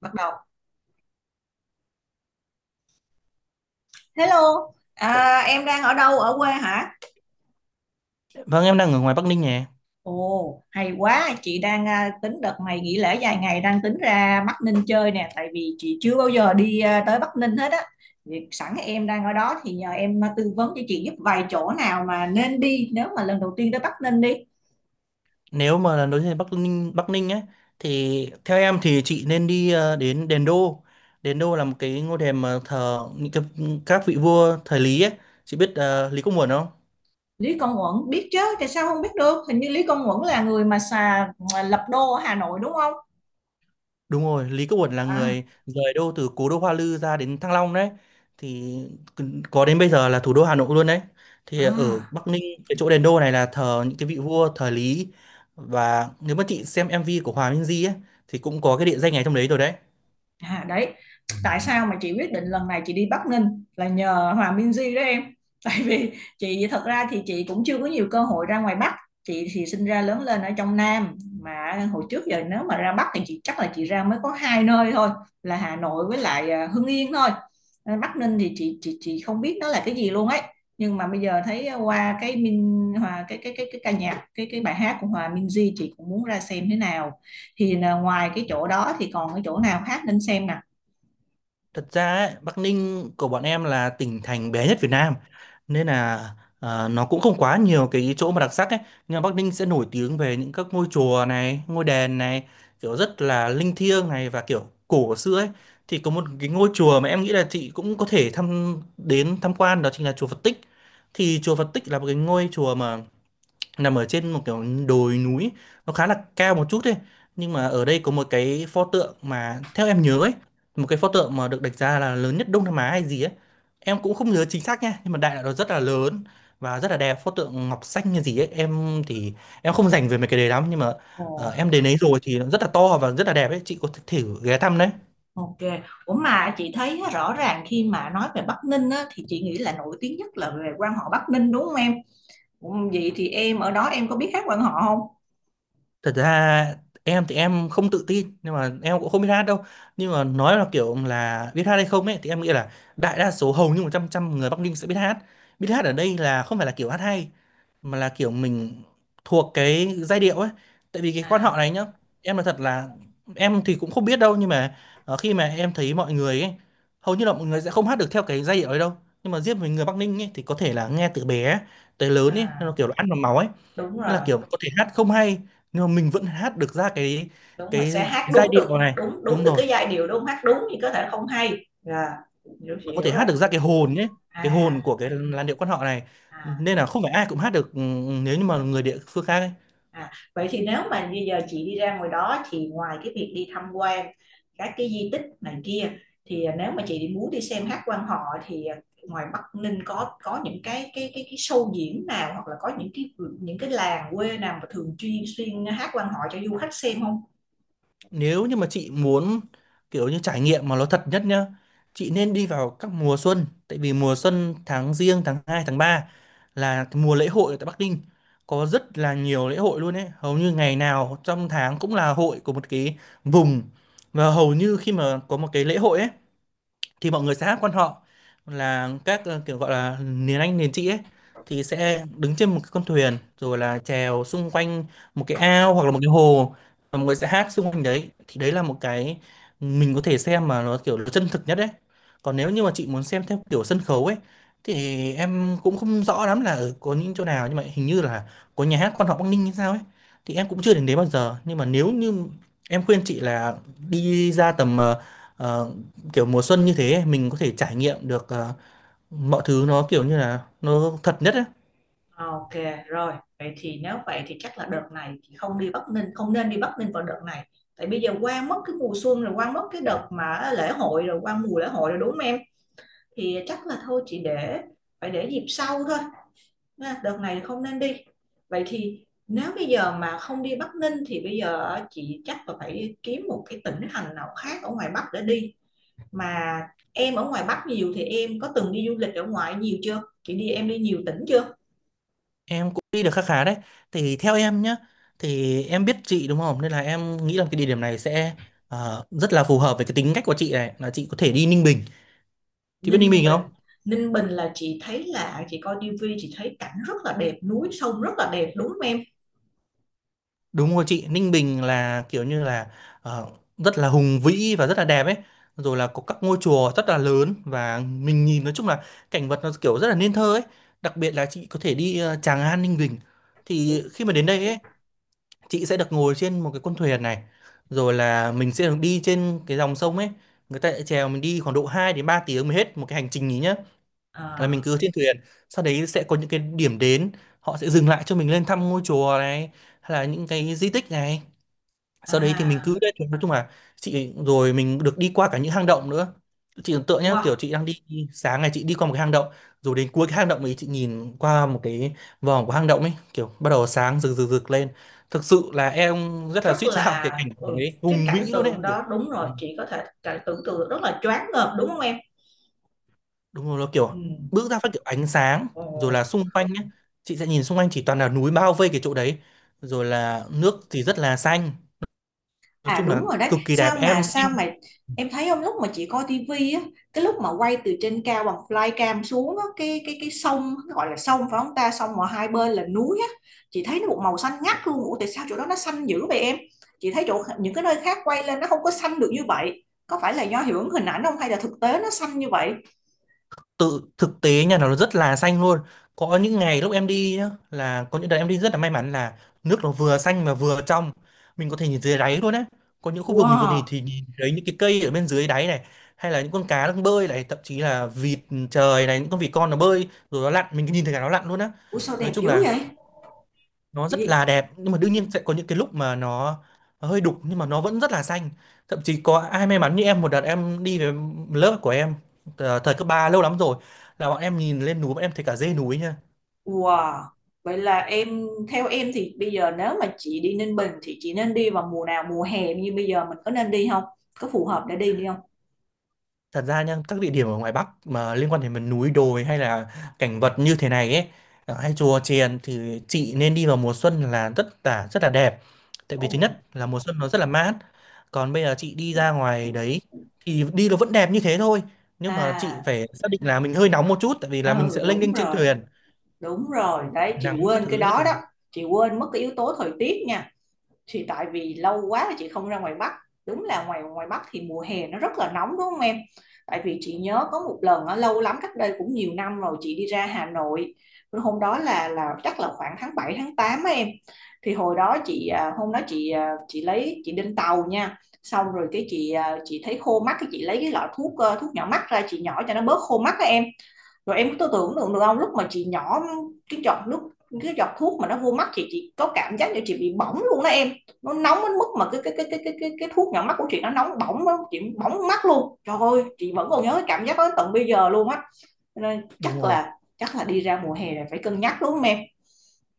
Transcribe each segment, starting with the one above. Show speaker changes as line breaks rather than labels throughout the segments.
Bắt đầu. Hello. À, em đang ở đâu, ở quê hả?
Vâng em đang ở ngoài Bắc Ninh nhỉ.
Ồ, hay quá, chị đang tính đợt này nghỉ lễ dài ngày, đang tính ra Bắc Ninh chơi nè, tại vì chị chưa bao giờ đi tới Bắc Ninh hết á. Thì sẵn em đang ở đó thì nhờ em tư vấn cho chị giúp vài chỗ nào mà nên đi nếu mà lần đầu tiên tới Bắc Ninh đi.
Nếu mà là nói về Bắc Ninh ấy thì theo em thì chị nên đi đến Đền Đô. Đền Đô là một cái ngôi đền mà thờ những cái, các vị vua thời Lý ấy. Chị biết Lý Công Uẩn không?
Lý Công Uẩn biết chứ, tại sao không biết được, hình như Lý Công Uẩn là người mà xà mà lập đô ở Hà Nội đúng không?
Đúng rồi, Lý Công Uẩn là
À.
người rời đô từ cố đô Hoa Lư ra đến Thăng Long đấy. Thì có đến bây giờ là thủ đô Hà Nội luôn đấy. Thì ở
À.
Bắc Ninh, cái chỗ Đền Đô này là thờ những cái vị vua thời Lý, và nếu mà chị xem MV của Hòa Minzy ấy thì cũng có cái địa danh này trong đấy rồi đấy.
À, đấy, tại sao mà chị quyết định lần này chị đi Bắc Ninh là nhờ Hòa Minzy đó em tại vì chị thật ra thì chị cũng chưa có nhiều cơ hội ra ngoài Bắc. Chị thì sinh ra lớn lên ở trong Nam, mà hồi trước giờ nếu mà ra Bắc thì chị chắc là chị ra mới có hai nơi thôi, là Hà Nội với lại Hưng Yên thôi. Ờ, Bắc Ninh thì chị không biết nó là cái gì luôn ấy, nhưng mà bây giờ thấy qua cái ca nhạc cái bài hát của Hòa Minzy chị cũng muốn ra xem thế nào. Thì là ngoài cái chỗ đó thì còn cái chỗ nào khác nên xem nè?
Thật ra ấy, Bắc Ninh của bọn em là tỉnh thành bé nhất Việt Nam, nên là nó cũng không quá nhiều cái chỗ mà đặc sắc ấy, nhưng mà Bắc Ninh sẽ nổi tiếng về những các ngôi chùa này, ngôi đền này, kiểu rất là linh thiêng này và kiểu cổ xưa ấy. Thì có một cái ngôi chùa mà em nghĩ là chị cũng có thể thăm đến tham quan, đó chính là chùa Phật Tích. Thì chùa Phật Tích là một cái ngôi chùa mà nằm ở trên một kiểu đồi núi, nó khá là cao một chút thôi, nhưng mà ở đây có một cái pho tượng mà theo em nhớ ấy, một cái pho tượng mà được đánh giá là lớn nhất Đông Nam Á hay gì ấy. Em cũng không nhớ chính xác nha, nhưng mà đại loại nó rất là lớn và rất là đẹp, pho tượng ngọc xanh như gì ấy. Em thì em không rành về mấy cái đấy lắm, nhưng mà
Ồ,
em đến đấy rồi thì nó rất là to và rất là đẹp ấy, chị có thể thử ghé thăm đấy.
ok. Ủa mà chị thấy á, rõ ràng khi mà nói về Bắc Ninh á, thì chị nghĩ là nổi tiếng nhất là về quan họ Bắc Ninh đúng không em? Ủa, vậy thì em ở đó em có biết hát quan họ không?
Thật ra em thì em không tự tin, nhưng mà em cũng không biết hát đâu, nhưng mà nói là kiểu là biết hát hay không ấy thì em nghĩ là đại đa số, hầu như 100 100 người Bắc Ninh sẽ biết hát. Biết hát ở đây là không phải là kiểu hát hay, mà là kiểu mình thuộc cái giai điệu ấy. Tại vì cái quan họ
À.
này nhá, em là thật là, em thì cũng không biết đâu, nhưng mà khi mà em thấy mọi người ấy, hầu như là mọi người sẽ không hát được theo cái giai điệu ấy đâu, nhưng mà riêng với người Bắc Ninh ấy thì có thể là nghe từ bé tới lớn ấy,
À.
nó kiểu là ăn vào máu ấy.
Đúng
Nên là
rồi,
kiểu có thể hát không hay, nhưng mà mình vẫn hát được ra
đúng rồi.
cái,
Sẽ hát
cái giai
đúng được,
điệu này,
đúng đúng
đúng
được
rồi,
cái giai điệu đúng không? Hát đúng thì có thể không hay. Dạ, chị
và có thể
hiểu
hát
rồi.
được ra cái hồn nhé, cái
À.
hồn của cái làn điệu quan họ này.
À.
Nên là không phải ai cũng hát được nếu như mà người địa phương khác ấy.
À, vậy thì nếu mà bây giờ chị đi ra ngoài đó thì ngoài cái việc đi tham quan các cái di tích này kia, thì nếu mà chị muốn đi xem hát quan họ thì ngoài Bắc Ninh có những cái show diễn nào hoặc là có những cái, những cái làng quê nào mà thường chuyên xuyên hát quan họ cho du khách xem không?
Nếu như mà chị muốn kiểu như trải nghiệm mà nó thật nhất nhá, chị nên đi vào các mùa xuân, tại vì mùa xuân tháng giêng, tháng hai, tháng 3 là cái mùa lễ hội ở tại Bắc Ninh, có rất là nhiều lễ hội luôn ấy, hầu như ngày nào trong tháng cũng là hội của một cái vùng. Và hầu như khi mà có một cái lễ hội ấy thì mọi người sẽ hát quan họ, là các kiểu gọi là miền Anh miền chị ấy, thì sẽ đứng trên một cái con thuyền rồi là chèo xung quanh một cái ao hoặc là một cái hồ, và mọi người sẽ hát xung quanh đấy. Thì đấy là một cái mình có thể xem mà nó kiểu nó chân thực nhất đấy. Còn nếu như mà chị muốn xem theo kiểu sân khấu ấy thì em cũng không rõ lắm là ở có những chỗ nào, nhưng mà hình như là có nhà hát quan họ Bắc Ninh hay sao ấy, thì em cũng chưa đến đấy bao giờ. Nhưng mà nếu như em khuyên chị là đi ra tầm ờ, kiểu mùa xuân như thế, mình có thể trải nghiệm được mọi thứ nó kiểu như là nó thật nhất ấy.
Ok rồi, vậy thì nếu vậy thì chắc là đợt này chị không đi Bắc Ninh, không nên đi Bắc Ninh vào đợt này, tại bây giờ qua mất cái mùa xuân rồi, qua mất cái đợt mà lễ hội rồi, qua mùa lễ hội rồi đúng không em? Thì chắc là thôi chị để, phải để dịp sau thôi, đợt này không nên đi. Vậy thì nếu bây giờ mà không đi Bắc Ninh thì bây giờ chị chắc là phải kiếm một cái tỉnh thành nào khác ở ngoài Bắc để đi, mà em ở ngoài Bắc nhiều thì em có từng đi du lịch ở ngoài nhiều chưa, chị đi em đi nhiều tỉnh chưa?
Em cũng đi được khá khá đấy. Thì theo em nhá, thì em biết chị đúng không? Nên là em nghĩ là cái địa điểm này sẽ rất là phù hợp với cái tính cách của chị này, là chị có thể đi Ninh Bình. Chị biết Ninh
Ninh
Bình
Bình.
không?
Ninh Bình là chị thấy là chị coi tivi chị thấy cảnh rất là đẹp, núi sông rất là đẹp đúng không em?
Đúng rồi chị, Ninh Bình là kiểu như là ờ, rất là hùng vĩ và rất là đẹp ấy. Rồi là có các ngôi chùa rất là lớn và mình nhìn, nói chung là cảnh vật nó kiểu rất là nên thơ ấy. Đặc biệt là chị có thể đi Tràng An Ninh Bình. Thì khi mà đến đây ấy, chị sẽ được ngồi trên một cái con thuyền này. Rồi là mình sẽ được đi trên cái dòng sông ấy. Người ta sẽ chèo mình đi khoảng độ 2 đến 3 tiếng mới hết một cái hành trình ý nhá. Là mình
À.
cứ trên thuyền, sau đấy sẽ có những cái điểm đến, họ sẽ dừng lại cho mình lên thăm ngôi chùa này hay là những cái di tích này. Sau đấy thì mình cứ
À.
đấy, nói chung là chị, rồi mình được đi qua cả những hang động nữa. Chị tưởng tượng nhá, kiểu
Wow.
chị đang đi, sáng ngày chị đi qua một cái hang động, rồi đến cuối cái hang động ấy chị nhìn qua một cái vòng của hang động ấy, kiểu bắt đầu sáng rực rực rực lên. Thực sự là em rất là
Rất
suýt sao,
là,
cái cảnh
ừ,
tượng ấy
cái
hùng vĩ
cảnh
luôn
tượng
ấy kiểu,
đó đúng
ừ,
rồi, chị có thể cảnh tưởng tượng rất là choáng ngợp đúng không em?
đúng rồi, nó
Ừ.
kiểu bước ra phát kiểu ánh sáng, rồi là
Ồ.
xung quanh nhé, chị sẽ nhìn xung quanh chỉ toàn là núi bao vây cái chỗ đấy, rồi là nước thì rất là xanh, nói
À
chung là
đúng rồi đấy,
cực kỳ đẹp
sao mà
em
sao
em.
mà em thấy không, lúc mà chị coi tivi á, cái lúc mà quay từ trên cao bằng flycam xuống á, cái sông, cái gọi là sông phải không ta, sông mà hai bên là núi á, chị thấy nó một màu xanh ngắt luôn. Ủa tại sao chỗ đó nó xanh dữ vậy em? Chị thấy chỗ những cái nơi khác quay lên nó không có xanh được như vậy. Có phải là do hiệu ứng hình ảnh không hay là thực tế nó xanh như vậy?
Tự thực tế nhà nó rất là xanh luôn. Có những ngày lúc em đi nhá, là có những đợt em đi rất là may mắn là nước nó vừa xanh mà vừa trong, mình có thể nhìn dưới đáy luôn á. Có những khu vực mình có thể
Wow,
thì nhìn thấy những cái cây ở bên dưới đáy này, hay là những con cá đang bơi này, thậm chí là vịt trời này, những con vịt con nó bơi rồi nó lặn, mình cứ nhìn thấy cả nó lặn luôn á.
ủa sao
Nói
đẹp
chung
dữ
là
vậy?
nó rất là đẹp, nhưng mà đương nhiên sẽ có những cái lúc mà nó hơi đục, nhưng mà nó vẫn rất là xanh. Thậm chí có ai may mắn như em, một đợt em đi về lớp của em thời cấp 3 lâu lắm rồi, là bọn em nhìn lên núi bọn em thấy cả dê núi nha.
Wow. Vậy là em, theo em thì bây giờ nếu mà chị đi Ninh Bình thì chị nên đi vào mùa nào, mùa hè như bây giờ mình có nên đi không? Có phù hợp để đi đi không?
Thật ra nha, các địa điểm ở ngoài Bắc mà liên quan đến miền núi đồi hay là cảnh vật như thế này ấy, ở hay chùa chiền, thì chị nên đi vào mùa xuân là rất là rất là đẹp. Tại vì
Ồ.
thứ nhất là mùa xuân nó rất là mát. Còn bây giờ chị đi ra ngoài đấy thì đi nó vẫn đẹp như thế thôi. Nhưng mà chị
À,
phải xác định là mình hơi nóng một chút, tại vì là mình
ừ
sẽ lênh
đúng
đênh trên
rồi,
thuyền,
đúng rồi. Đấy chị
nắng các
quên cái
thứ rất
đó đó.
là,
Chị quên mất cái yếu tố thời tiết nha. Thì tại vì lâu quá là chị không ra ngoài Bắc, đúng là ngoài ngoài Bắc thì mùa hè nó rất là nóng đúng không em, tại vì chị nhớ có một lần á, lâu lắm cách đây cũng nhiều năm rồi chị đi ra Hà Nội, hôm đó là chắc là khoảng tháng 7 tháng 8 á em, thì hồi đó chị hôm đó chị chị lấy chị lên tàu nha, xong rồi cái chị chị thấy khô mắt cái chị lấy cái lọ thuốc, thuốc nhỏ mắt ra chị nhỏ cho nó bớt khô mắt á em, rồi em cứ tưởng tượng được không, lúc mà chị nhỏ cái giọt nước, cái giọt thuốc mà nó vô mắt chị có cảm giác như chị bị bỏng luôn đó em. Nó nóng đến mức mà cái thuốc nhỏ mắt của chị nó nóng bỏng đó. Chị bỏng mắt luôn, trời ơi chị vẫn còn nhớ cái cảm giác đó đến tận bây giờ luôn á, nên
đúng rồi.
chắc là đi ra mùa hè là phải cân nhắc đúng không em?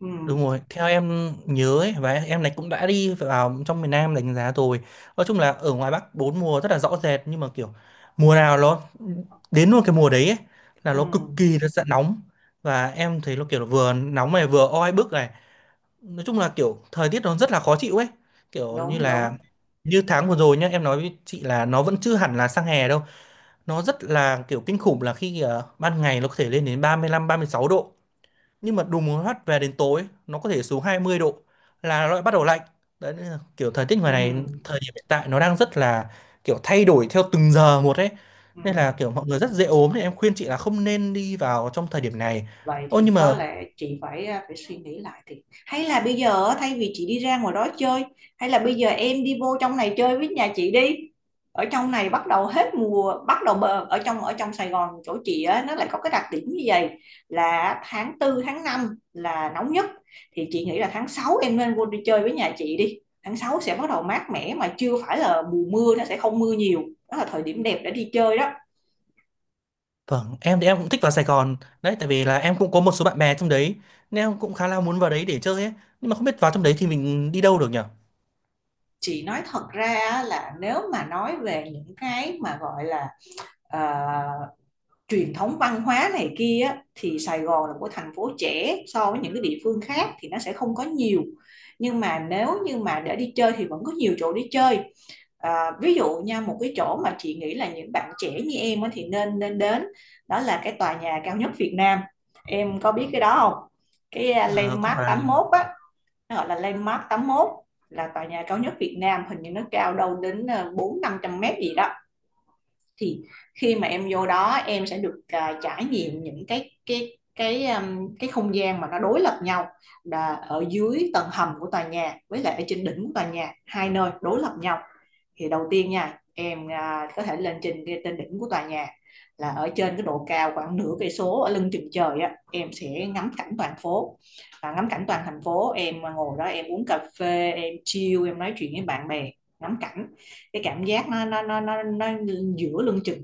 Ừ,
Đúng rồi, theo em nhớ ấy, và em này cũng đã đi vào trong miền Nam đánh giá rồi. Nói chung là ở ngoài Bắc bốn mùa rất là rõ rệt, nhưng mà kiểu mùa nào nó đến luôn cái mùa đấy ấy, là
ừ,
nó cực kỳ là sẽ nóng, và em thấy nó kiểu là vừa nóng này vừa oi bức này. Nói chung là kiểu thời tiết nó rất là khó chịu ấy. Kiểu như
đúng đúng.
là như tháng vừa rồi nhá, em nói với chị là nó vẫn chưa hẳn là sang hè đâu. Nó rất là kiểu kinh khủng, là khi ban ngày nó có thể lên đến ba 35 36 độ nhưng mà đùng một phát về đến tối nó có thể xuống 20 độ, là nó lại bắt đầu lạnh. Đấy nên là kiểu thời tiết
Ừ,
ngoài này thời điểm hiện tại nó đang rất là kiểu thay đổi theo từng giờ một ấy.
ừ.
Nên là kiểu mọi người rất dễ ốm, thì em khuyên chị là không nên đi vào trong thời điểm này.
Vậy
Ô,
thì
nhưng mà
có lẽ chị phải phải suy nghĩ lại thì, hay là bây giờ thay vì chị đi ra ngoài đó chơi, hay là bây giờ em đi vô trong này chơi với nhà chị đi. Ở trong này bắt đầu hết mùa bắt đầu ở trong, ở trong Sài Gòn chỗ chị á nó lại có cái đặc điểm như vậy, là tháng 4 tháng 5 là nóng nhất. Thì chị nghĩ là tháng 6 em nên vô đi chơi với nhà chị đi, tháng 6 sẽ bắt đầu mát mẻ mà chưa phải là mùa mưa, nó sẽ không mưa nhiều, đó là thời điểm đẹp để đi chơi đó.
vâng, em thì em cũng thích vào Sài Gòn đấy, tại vì là em cũng có một số bạn bè trong đấy, nên em cũng khá là muốn vào đấy để chơi ấy, nhưng mà không biết vào trong đấy thì mình đi đâu được nhỉ.
Chị nói thật ra là nếu mà nói về những cái mà gọi là ờ, truyền thống văn hóa này kia thì Sài Gòn là một thành phố trẻ so với những cái địa phương khác thì nó sẽ không có nhiều, nhưng mà nếu như mà để đi chơi thì vẫn có nhiều chỗ đi chơi. À, ví dụ nha, một cái chỗ mà chị nghĩ là những bạn trẻ như em thì nên nên đến đó là cái tòa nhà cao nhất Việt Nam, em có biết cái đó không? Cái
À, không
landmark
phải
tám mốt á,
là-.
nó gọi là Landmark 81, là tòa nhà cao nhất Việt Nam, hình như nó cao đâu đến 400-500 mét gì đó. Thì khi mà em vô đó em sẽ được trải nghiệm những cái cái không gian mà nó đối lập nhau, là ở dưới tầng hầm của tòa nhà với lại ở trên đỉnh của tòa nhà, hai nơi đối lập nhau. Thì đầu tiên nha em có thể lên trên trên đỉnh của tòa nhà, là ở trên cái độ cao khoảng nửa cây số ở lưng chừng trời á, em sẽ ngắm cảnh toàn phố và ngắm cảnh toàn thành phố, em ngồi đó em uống cà phê em chill em nói chuyện với bạn bè, ngắm cảnh, cái cảm giác nó nó giữa lưng chừng.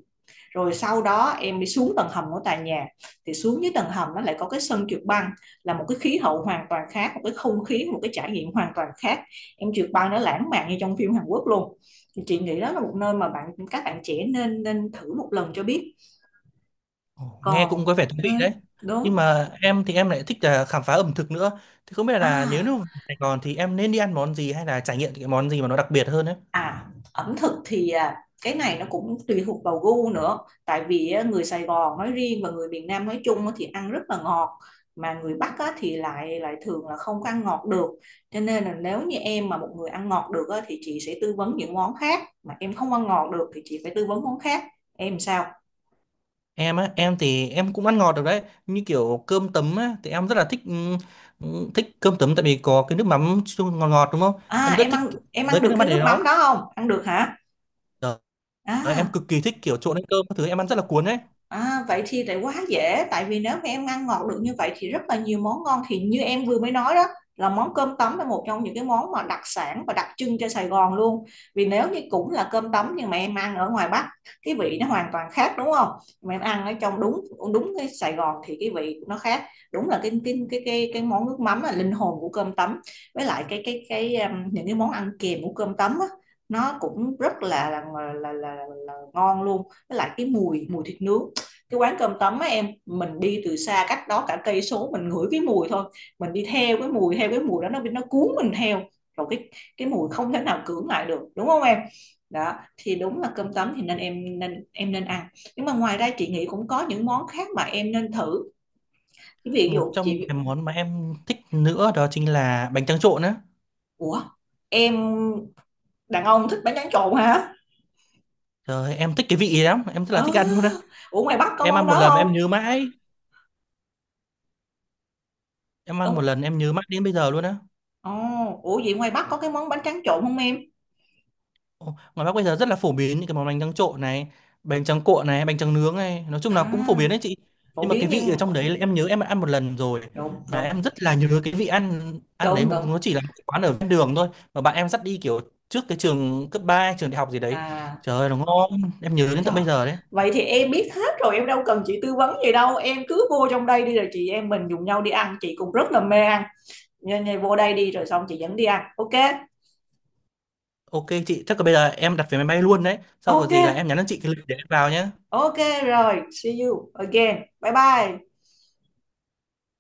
Rồi sau đó em đi xuống tầng hầm của tòa nhà, thì xuống dưới tầng hầm nó lại có cái sân trượt băng, là một cái khí hậu hoàn toàn khác, một cái không khí, một cái trải nghiệm hoàn toàn khác, em trượt băng nó lãng mạn như trong phim Hàn Quốc luôn. Thì chị nghĩ đó là một nơi mà bạn các bạn trẻ nên nên thử một lần cho biết.
Ồ, nghe cũng
Còn,
có vẻ thú
ừ,
vị đấy. Nhưng
đúng.
mà em thì em lại thích là khám phá ẩm thực nữa. Thì không biết là nếu như
À.
Sài Gòn thì em nên đi ăn món gì, hay là trải nghiệm cái món gì mà nó đặc biệt hơn ấy.
À, ẩm thực thì cái này nó cũng tùy thuộc vào gu nữa. Tại vì á, người Sài Gòn nói riêng và người miền Nam nói chung á thì ăn rất là ngọt, mà người Bắc á, thì lại lại thường là không có ăn ngọt được. Cho nên là nếu như em mà một người ăn ngọt được á, thì chị sẽ tư vấn những món khác, mà em không ăn ngọt được thì chị phải tư vấn món khác. Em sao?
Em á, em thì em cũng ăn ngọt được đấy. Như kiểu cơm tấm á, thì em rất là thích thích cơm tấm, tại vì có cái nước mắm chung ngọt ngọt đúng không?
À,
Em rất thích kiểu-
em
với
ăn
cái
được
nước
cái
mắm này
nước mắm
đó.
đó không? Ăn được hả?
Trời ơi, em
À.
cực kỳ thích kiểu trộn lên cơm các thứ, em ăn rất là cuốn ấy.
À, vậy thì lại quá dễ, tại vì nếu mà em ăn ngọt được như vậy thì rất là nhiều món ngon, thì như em vừa mới nói đó là món cơm tấm là một trong những cái món mà đặc sản và đặc trưng cho Sài Gòn luôn. Vì nếu như cũng là cơm tấm nhưng mà em ăn ở ngoài Bắc cái vị nó hoàn toàn khác đúng không, mà em ăn ở trong, đúng đúng, cái Sài Gòn thì cái vị nó khác, đúng là cái món nước mắm là linh hồn của cơm tấm, với lại cái những cái món ăn kèm của cơm tấm á, nó cũng rất là là ngon luôn, với lại cái mùi mùi thịt nướng, cái quán cơm tấm á em, mình đi từ xa cách đó cả cây số mình ngửi cái mùi thôi, mình đi theo cái mùi, theo cái mùi đó nó cuốn mình theo, rồi cái mùi không thể nào cưỡng lại được đúng không em? Đó thì đúng là cơm tấm thì nên em nên em nên ăn, nhưng mà ngoài ra chị nghĩ cũng có những món khác mà em nên thử, ví
Một
dụ
trong những
chị.
cái món mà em thích nữa đó chính là bánh tráng trộn á.
Ủa, em đàn ông thích bánh tráng trộn hả?
Trời ơi, em thích cái vị ấy lắm, em rất là
Ờ,
thích ăn luôn á.
ủa ngoài Bắc có
Em
món
ăn một
đó
lần mà em
không?
nhớ mãi Em ăn một
Ông.
lần em nhớ mãi đến bây giờ luôn á.
Ồ. Ủa vậy ngoài Bắc có cái món bánh tráng trộn không em?
Ồ, ngoài Bắc bây giờ rất là phổ biến những cái món bánh tráng trộn này, bánh tráng cuộn này, bánh tráng nướng này, nói chung
À.
là cũng phổ biến đấy chị. Nhưng
Phổ
mà cái
biến
vị ở
nhưng,
trong đấy là em nhớ em đã ăn một lần rồi,
đúng
mà
đúng,
em rất là nhớ cái vị ăn ăn đấy,
đúng
mà
đúng.
nó chỉ là một cái quán ở ven đường thôi, mà bạn em dắt đi, kiểu trước cái trường cấp ba, trường đại học gì đấy.
À.
Trời ơi nó ngon, em nhớ đến tận
Trời,
bây giờ đấy.
vậy thì em biết hết rồi, em đâu cần chị tư vấn gì đâu, em cứ vô trong đây đi rồi chị em mình dùng nhau đi ăn, chị cũng rất là mê ăn, nên nên vô đây đi rồi xong chị dẫn đi ăn. Ok.
Ok, chị chắc là bây giờ em đặt vé máy bay luôn đấy, sau có
Ok.
gì là em nhắn cho chị cái lịch để em vào nhé.
Ok rồi, see you again, bye bye.